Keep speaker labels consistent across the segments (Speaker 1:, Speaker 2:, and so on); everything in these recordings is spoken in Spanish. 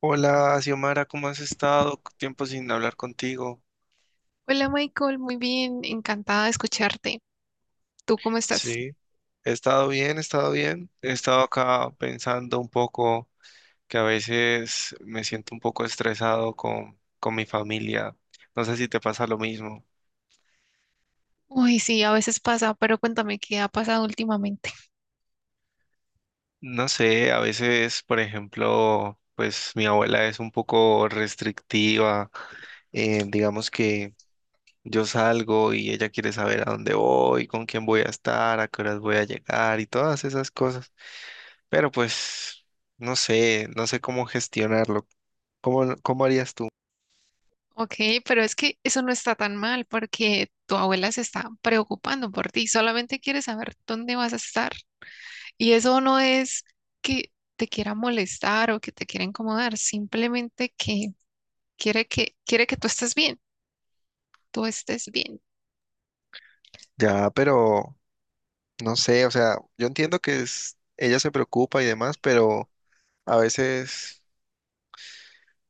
Speaker 1: Hola, Xiomara, ¿cómo has estado? Tiempo sin hablar contigo.
Speaker 2: Hola Michael, muy bien, encantada de escucharte. ¿Tú cómo estás?
Speaker 1: Sí, he estado bien, he estado bien. He estado acá pensando un poco que a veces me siento un poco estresado con mi familia. No sé si te pasa lo mismo.
Speaker 2: Uy, sí, a veces pasa, pero cuéntame qué ha pasado últimamente.
Speaker 1: No sé, a veces, por ejemplo, pues mi abuela es un poco restrictiva. Digamos que yo salgo y ella quiere saber a dónde voy, con quién voy a estar, a qué horas voy a llegar y todas esas cosas. Pero pues, no sé, no sé cómo gestionarlo. ¿Cómo harías tú?
Speaker 2: Ok, pero es que eso no está tan mal porque tu abuela se está preocupando por ti, solamente quiere saber dónde vas a estar. Y eso no es que te quiera molestar o que te quiera incomodar, simplemente que quiere que tú estés bien.
Speaker 1: Ya, pero no sé, o sea, yo entiendo que es, ella se preocupa y demás, pero a veces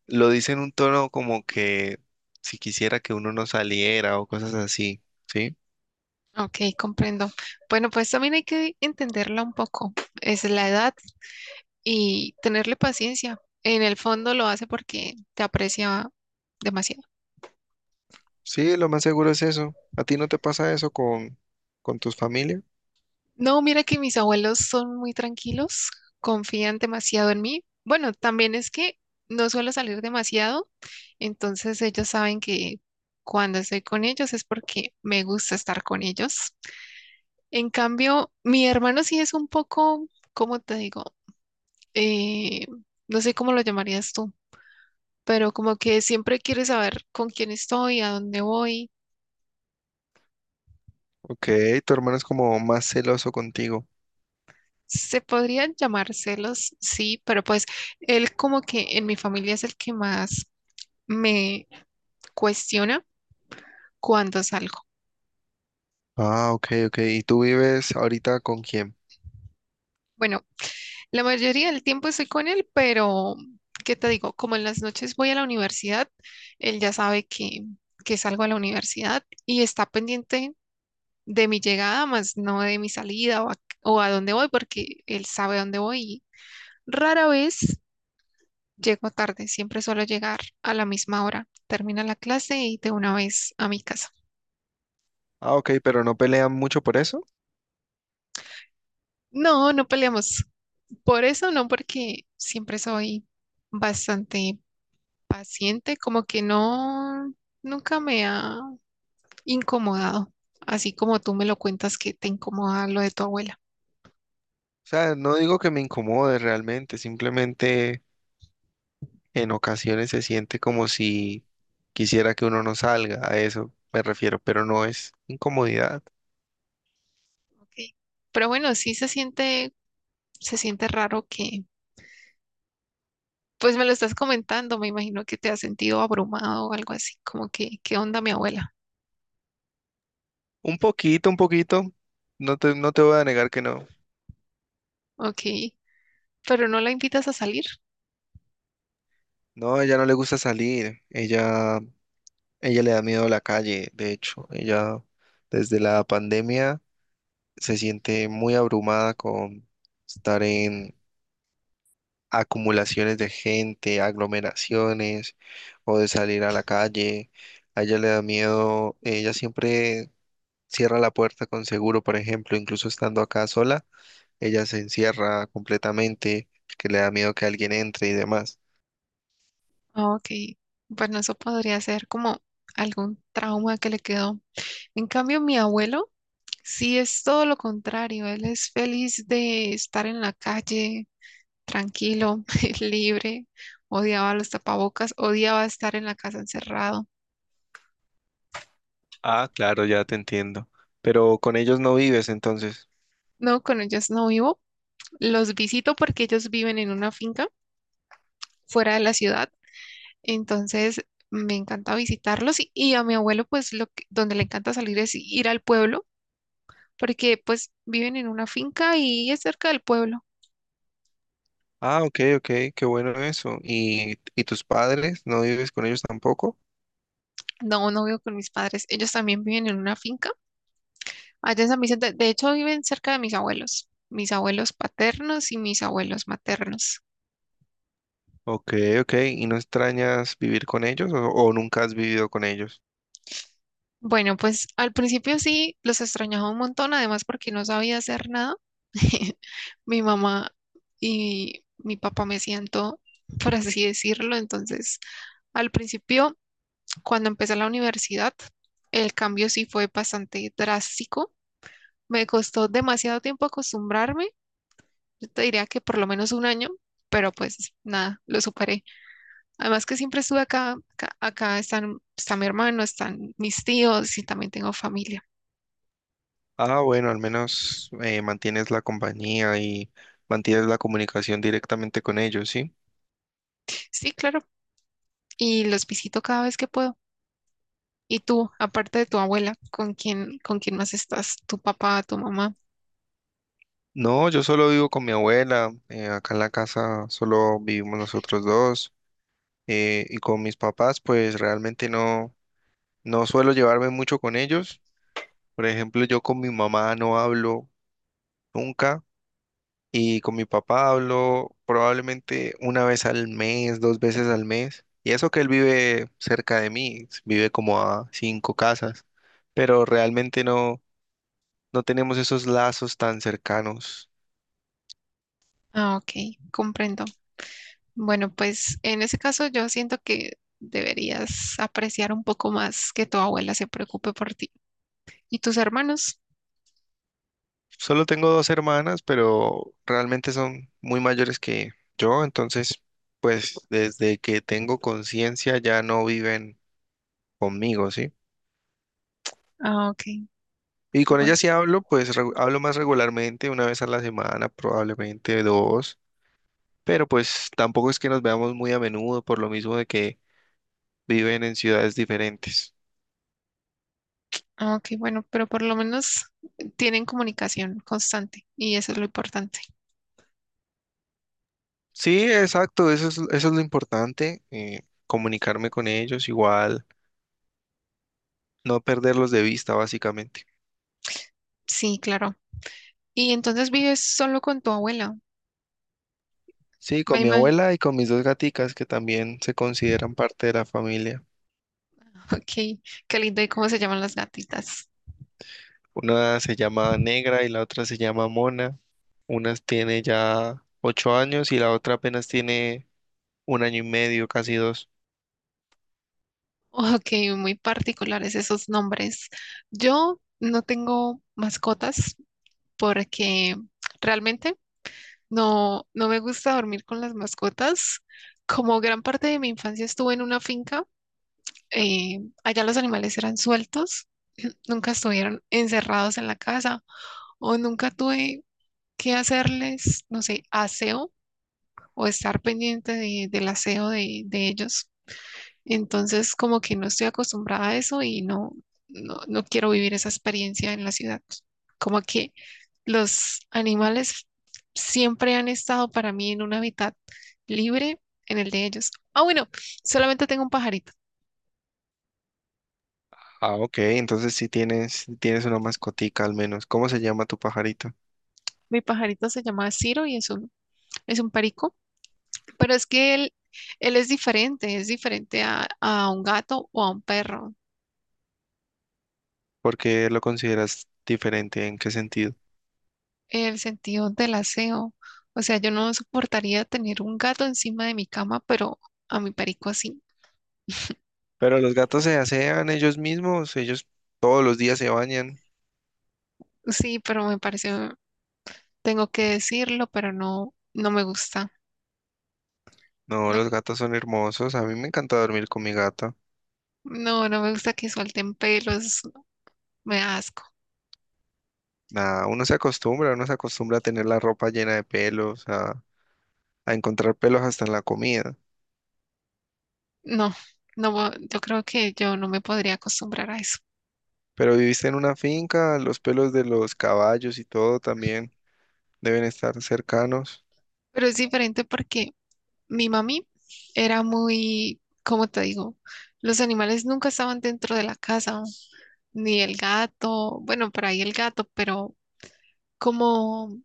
Speaker 1: lo dice en un tono como que si quisiera que uno no saliera o cosas así, ¿sí?
Speaker 2: Ok, comprendo. Bueno, pues también hay que entenderla un poco. Es la edad y tenerle paciencia. En el fondo lo hace porque te aprecia demasiado.
Speaker 1: Sí, lo más seguro es eso. ¿A ti no te pasa eso con tus familias?
Speaker 2: No, mira que mis abuelos son muy tranquilos, confían demasiado en mí. Bueno, también es que no suelo salir demasiado, entonces ellos saben que cuando estoy con ellos es porque me gusta estar con ellos. En cambio, mi hermano sí es un poco, ¿cómo te digo? Eh, no sé cómo lo llamarías tú, pero como que siempre quiere saber con quién estoy, a dónde voy.
Speaker 1: Ok, tu hermano es como más celoso contigo.
Speaker 2: Se podrían llamar celos, sí, pero pues él como que en mi familia es el que más me cuestiona cuando salgo.
Speaker 1: Ah, ok, ok. ¿Y tú vives ahorita con quién?
Speaker 2: Bueno, la mayoría del tiempo estoy con él, pero ¿qué te digo? Como en las noches voy a la universidad, él ya sabe que salgo a la universidad y está pendiente de mi llegada, más no de mi salida o a dónde voy, porque él sabe dónde voy. Rara vez llego tarde, siempre suelo llegar a la misma hora. Termina la clase y de una vez a mi casa.
Speaker 1: Ah, ok, pero no pelean mucho por eso.
Speaker 2: No, no peleamos. Por eso no, porque siempre soy bastante paciente, como que no, nunca me ha incomodado, así como tú me lo cuentas que te incomoda lo de tu abuela.
Speaker 1: O sea, no digo que me incomode realmente, simplemente en ocasiones se siente como si quisiera que uno no salga, a eso me refiero, pero no es incomodidad.
Speaker 2: Ok. Pero bueno, sí se siente raro que, pues me lo estás comentando, me imagino que te has sentido abrumado o algo así, como que, ¿qué onda mi abuela?
Speaker 1: Un poquito, no te voy a negar que no.
Speaker 2: Ok. Pero no la invitas a salir.
Speaker 1: No, a ella no le gusta salir, ella le da miedo a la calle, de hecho, ella desde la pandemia se siente muy abrumada con estar acumulaciones de gente, aglomeraciones o de salir a la calle. A ella le da miedo, ella siempre cierra la puerta con seguro, por ejemplo, incluso estando acá sola, ella se encierra completamente, que le da miedo que alguien entre y demás.
Speaker 2: Ah, ok, bueno, eso podría ser como algún trauma que le quedó. En cambio, mi abuelo sí es todo lo contrario. Él es feliz de estar en la calle, tranquilo, libre. Odiaba los tapabocas, odiaba estar en la casa encerrado.
Speaker 1: Ah, claro, ya te entiendo. Pero con ellos no vives entonces.
Speaker 2: No, con ellos no vivo. Los visito porque ellos viven en una finca fuera de la ciudad. Entonces, me encanta visitarlos y a mi abuelo, pues, donde le encanta salir es ir al pueblo porque pues viven en una finca y es cerca del pueblo.
Speaker 1: Ah, ok, ok, qué bueno eso. ¿Y tus padres? ¿No vives con ellos tampoco?
Speaker 2: No, no vivo con mis padres. Ellos también viven en una finca allá en San Vicente. De hecho, viven cerca de mis abuelos paternos y mis abuelos maternos.
Speaker 1: Ok, ok. ¿Y no extrañas vivir con ellos o nunca has vivido con ellos?
Speaker 2: Bueno, pues al principio sí los extrañaba un montón, además porque no sabía hacer nada. Mi mamá y mi papá me hacían todo por así decirlo. Entonces, al principio, cuando empecé la universidad, el cambio sí fue bastante drástico. Me costó demasiado tiempo acostumbrarme, yo te diría que por lo menos un año, pero pues nada, lo superé. Además que siempre estuve acá están, está mi hermano, están mis tíos y también tengo familia.
Speaker 1: Ah, bueno, al menos mantienes la compañía y mantienes la comunicación directamente con ellos, ¿sí?
Speaker 2: Sí, claro, y los visito cada vez que puedo. ¿Y tú, aparte de tu abuela, con quién más estás? ¿Tu papá, tu mamá?
Speaker 1: No, yo solo vivo con mi abuela, acá en la casa solo vivimos nosotros dos y con mis papás pues realmente no, no suelo llevarme mucho con ellos. Por ejemplo, yo con mi mamá no hablo nunca. Y con mi papá hablo probablemente una vez al mes, dos veces al mes. Y eso que él vive cerca de mí, vive como a cinco casas, pero realmente no, no tenemos esos lazos tan cercanos.
Speaker 2: Ah, ok, comprendo. Bueno, pues en ese caso yo siento que deberías apreciar un poco más que tu abuela se preocupe por ti. ¿Y tus hermanos?
Speaker 1: Solo tengo dos hermanas, pero realmente son muy mayores que yo, entonces, pues desde que tengo conciencia ya no viven conmigo, ¿sí?
Speaker 2: Ah, ok.
Speaker 1: Y con
Speaker 2: Bueno,
Speaker 1: ellas sí hablo, pues hablo más regularmente, una vez a la semana, probablemente dos, pero pues tampoco es que nos veamos muy a menudo por lo mismo de que viven en ciudades diferentes.
Speaker 2: ah, ok, bueno, pero por lo menos tienen comunicación constante y eso es lo importante.
Speaker 1: Sí, exacto, eso es lo importante, comunicarme con ellos igual, no perderlos de vista básicamente.
Speaker 2: Sí, claro. Y entonces vives solo con tu abuela.
Speaker 1: Sí, con
Speaker 2: Ay,
Speaker 1: mi abuela y con mis dos gaticas que también se consideran parte de la familia.
Speaker 2: Ok, qué lindo. ¿Y cómo se llaman las gatitas?
Speaker 1: Una se llama Negra y la otra se llama Mona. Una tiene ya 8 años y la otra apenas tiene 1 año y medio, casi dos.
Speaker 2: Ok, muy particulares esos nombres. Yo no tengo mascotas porque realmente no me gusta dormir con las mascotas. Como gran parte de mi infancia estuve en una finca, allá los animales eran sueltos, nunca estuvieron encerrados en la casa o nunca tuve que hacerles, no sé, aseo o estar pendiente del aseo de ellos. Entonces, como que no estoy acostumbrada a eso y no quiero vivir esa experiencia en la ciudad. Como que los animales siempre han estado para mí en un hábitat libre, en el de ellos. Ah, bueno, solamente tengo un pajarito.
Speaker 1: Ah, ok, entonces sí tienes una mascotica al menos. ¿Cómo se llama tu pajarito?
Speaker 2: Mi pajarito se llama Ciro y es un perico, pero es que él es diferente a un gato o a un perro,
Speaker 1: ¿Por qué lo consideras diferente? ¿En qué sentido?
Speaker 2: el sentido del aseo. O sea, yo no soportaría tener un gato encima de mi cama, pero a mi perico sí.
Speaker 1: Pero los gatos se asean ellos mismos, ellos todos los días se bañan.
Speaker 2: Sí, pero me pareció, tengo que decirlo, pero no, no me gusta.
Speaker 1: No,
Speaker 2: No,
Speaker 1: los gatos son hermosos. A mí me encanta dormir con mi gato.
Speaker 2: no me gusta que suelten pelos, me da asco.
Speaker 1: Nada, uno se acostumbra a tener la ropa llena de pelos, a encontrar pelos hasta en la comida.
Speaker 2: No, no, yo creo que yo no me podría acostumbrar a eso.
Speaker 1: Pero viviste en una finca, los pelos de los caballos y todo también deben estar cercanos.
Speaker 2: Pero es diferente porque mi mami era muy, ¿cómo te digo? Los animales nunca estaban dentro de la casa, ni el gato, bueno, por ahí el gato, pero como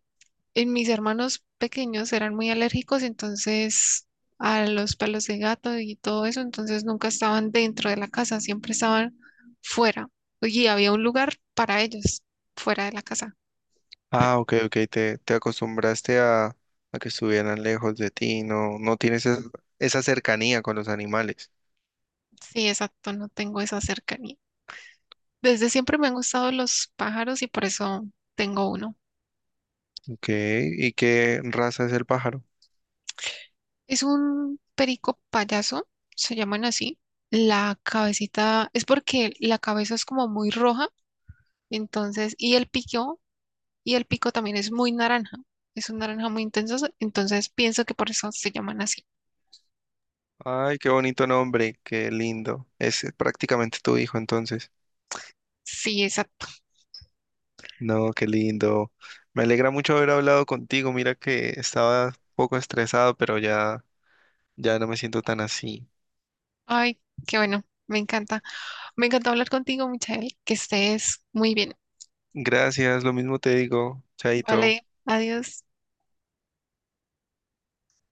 Speaker 2: en mis hermanos pequeños eran muy alérgicos, entonces a los pelos de gato y todo eso, entonces nunca estaban dentro de la casa, siempre estaban fuera. Y había un lugar para ellos, fuera de la casa.
Speaker 1: Ah, ok, ok, te acostumbraste a que estuvieran lejos de ti, no, no tienes esa cercanía con los animales.
Speaker 2: Sí, exacto, no tengo esa cercanía. Desde siempre me han gustado los pájaros y por eso tengo uno.
Speaker 1: Ok, ¿y qué raza es el pájaro?
Speaker 2: Es un perico payaso, se llaman así. La cabecita es porque la cabeza es como muy roja, entonces, y el pico también es muy naranja, es un naranja muy intenso, entonces pienso que por eso se llaman así.
Speaker 1: Ay, qué bonito nombre, qué lindo. Es prácticamente tu hijo entonces.
Speaker 2: Sí, exacto.
Speaker 1: No, qué lindo. Me alegra mucho haber hablado contigo. Mira que estaba un poco estresado, pero ya no me siento tan así.
Speaker 2: Ay, qué bueno, me encanta. Me encantó hablar contigo, Michael, que estés muy bien.
Speaker 1: Gracias, lo mismo te digo,
Speaker 2: Vale,
Speaker 1: Chaito.
Speaker 2: adiós.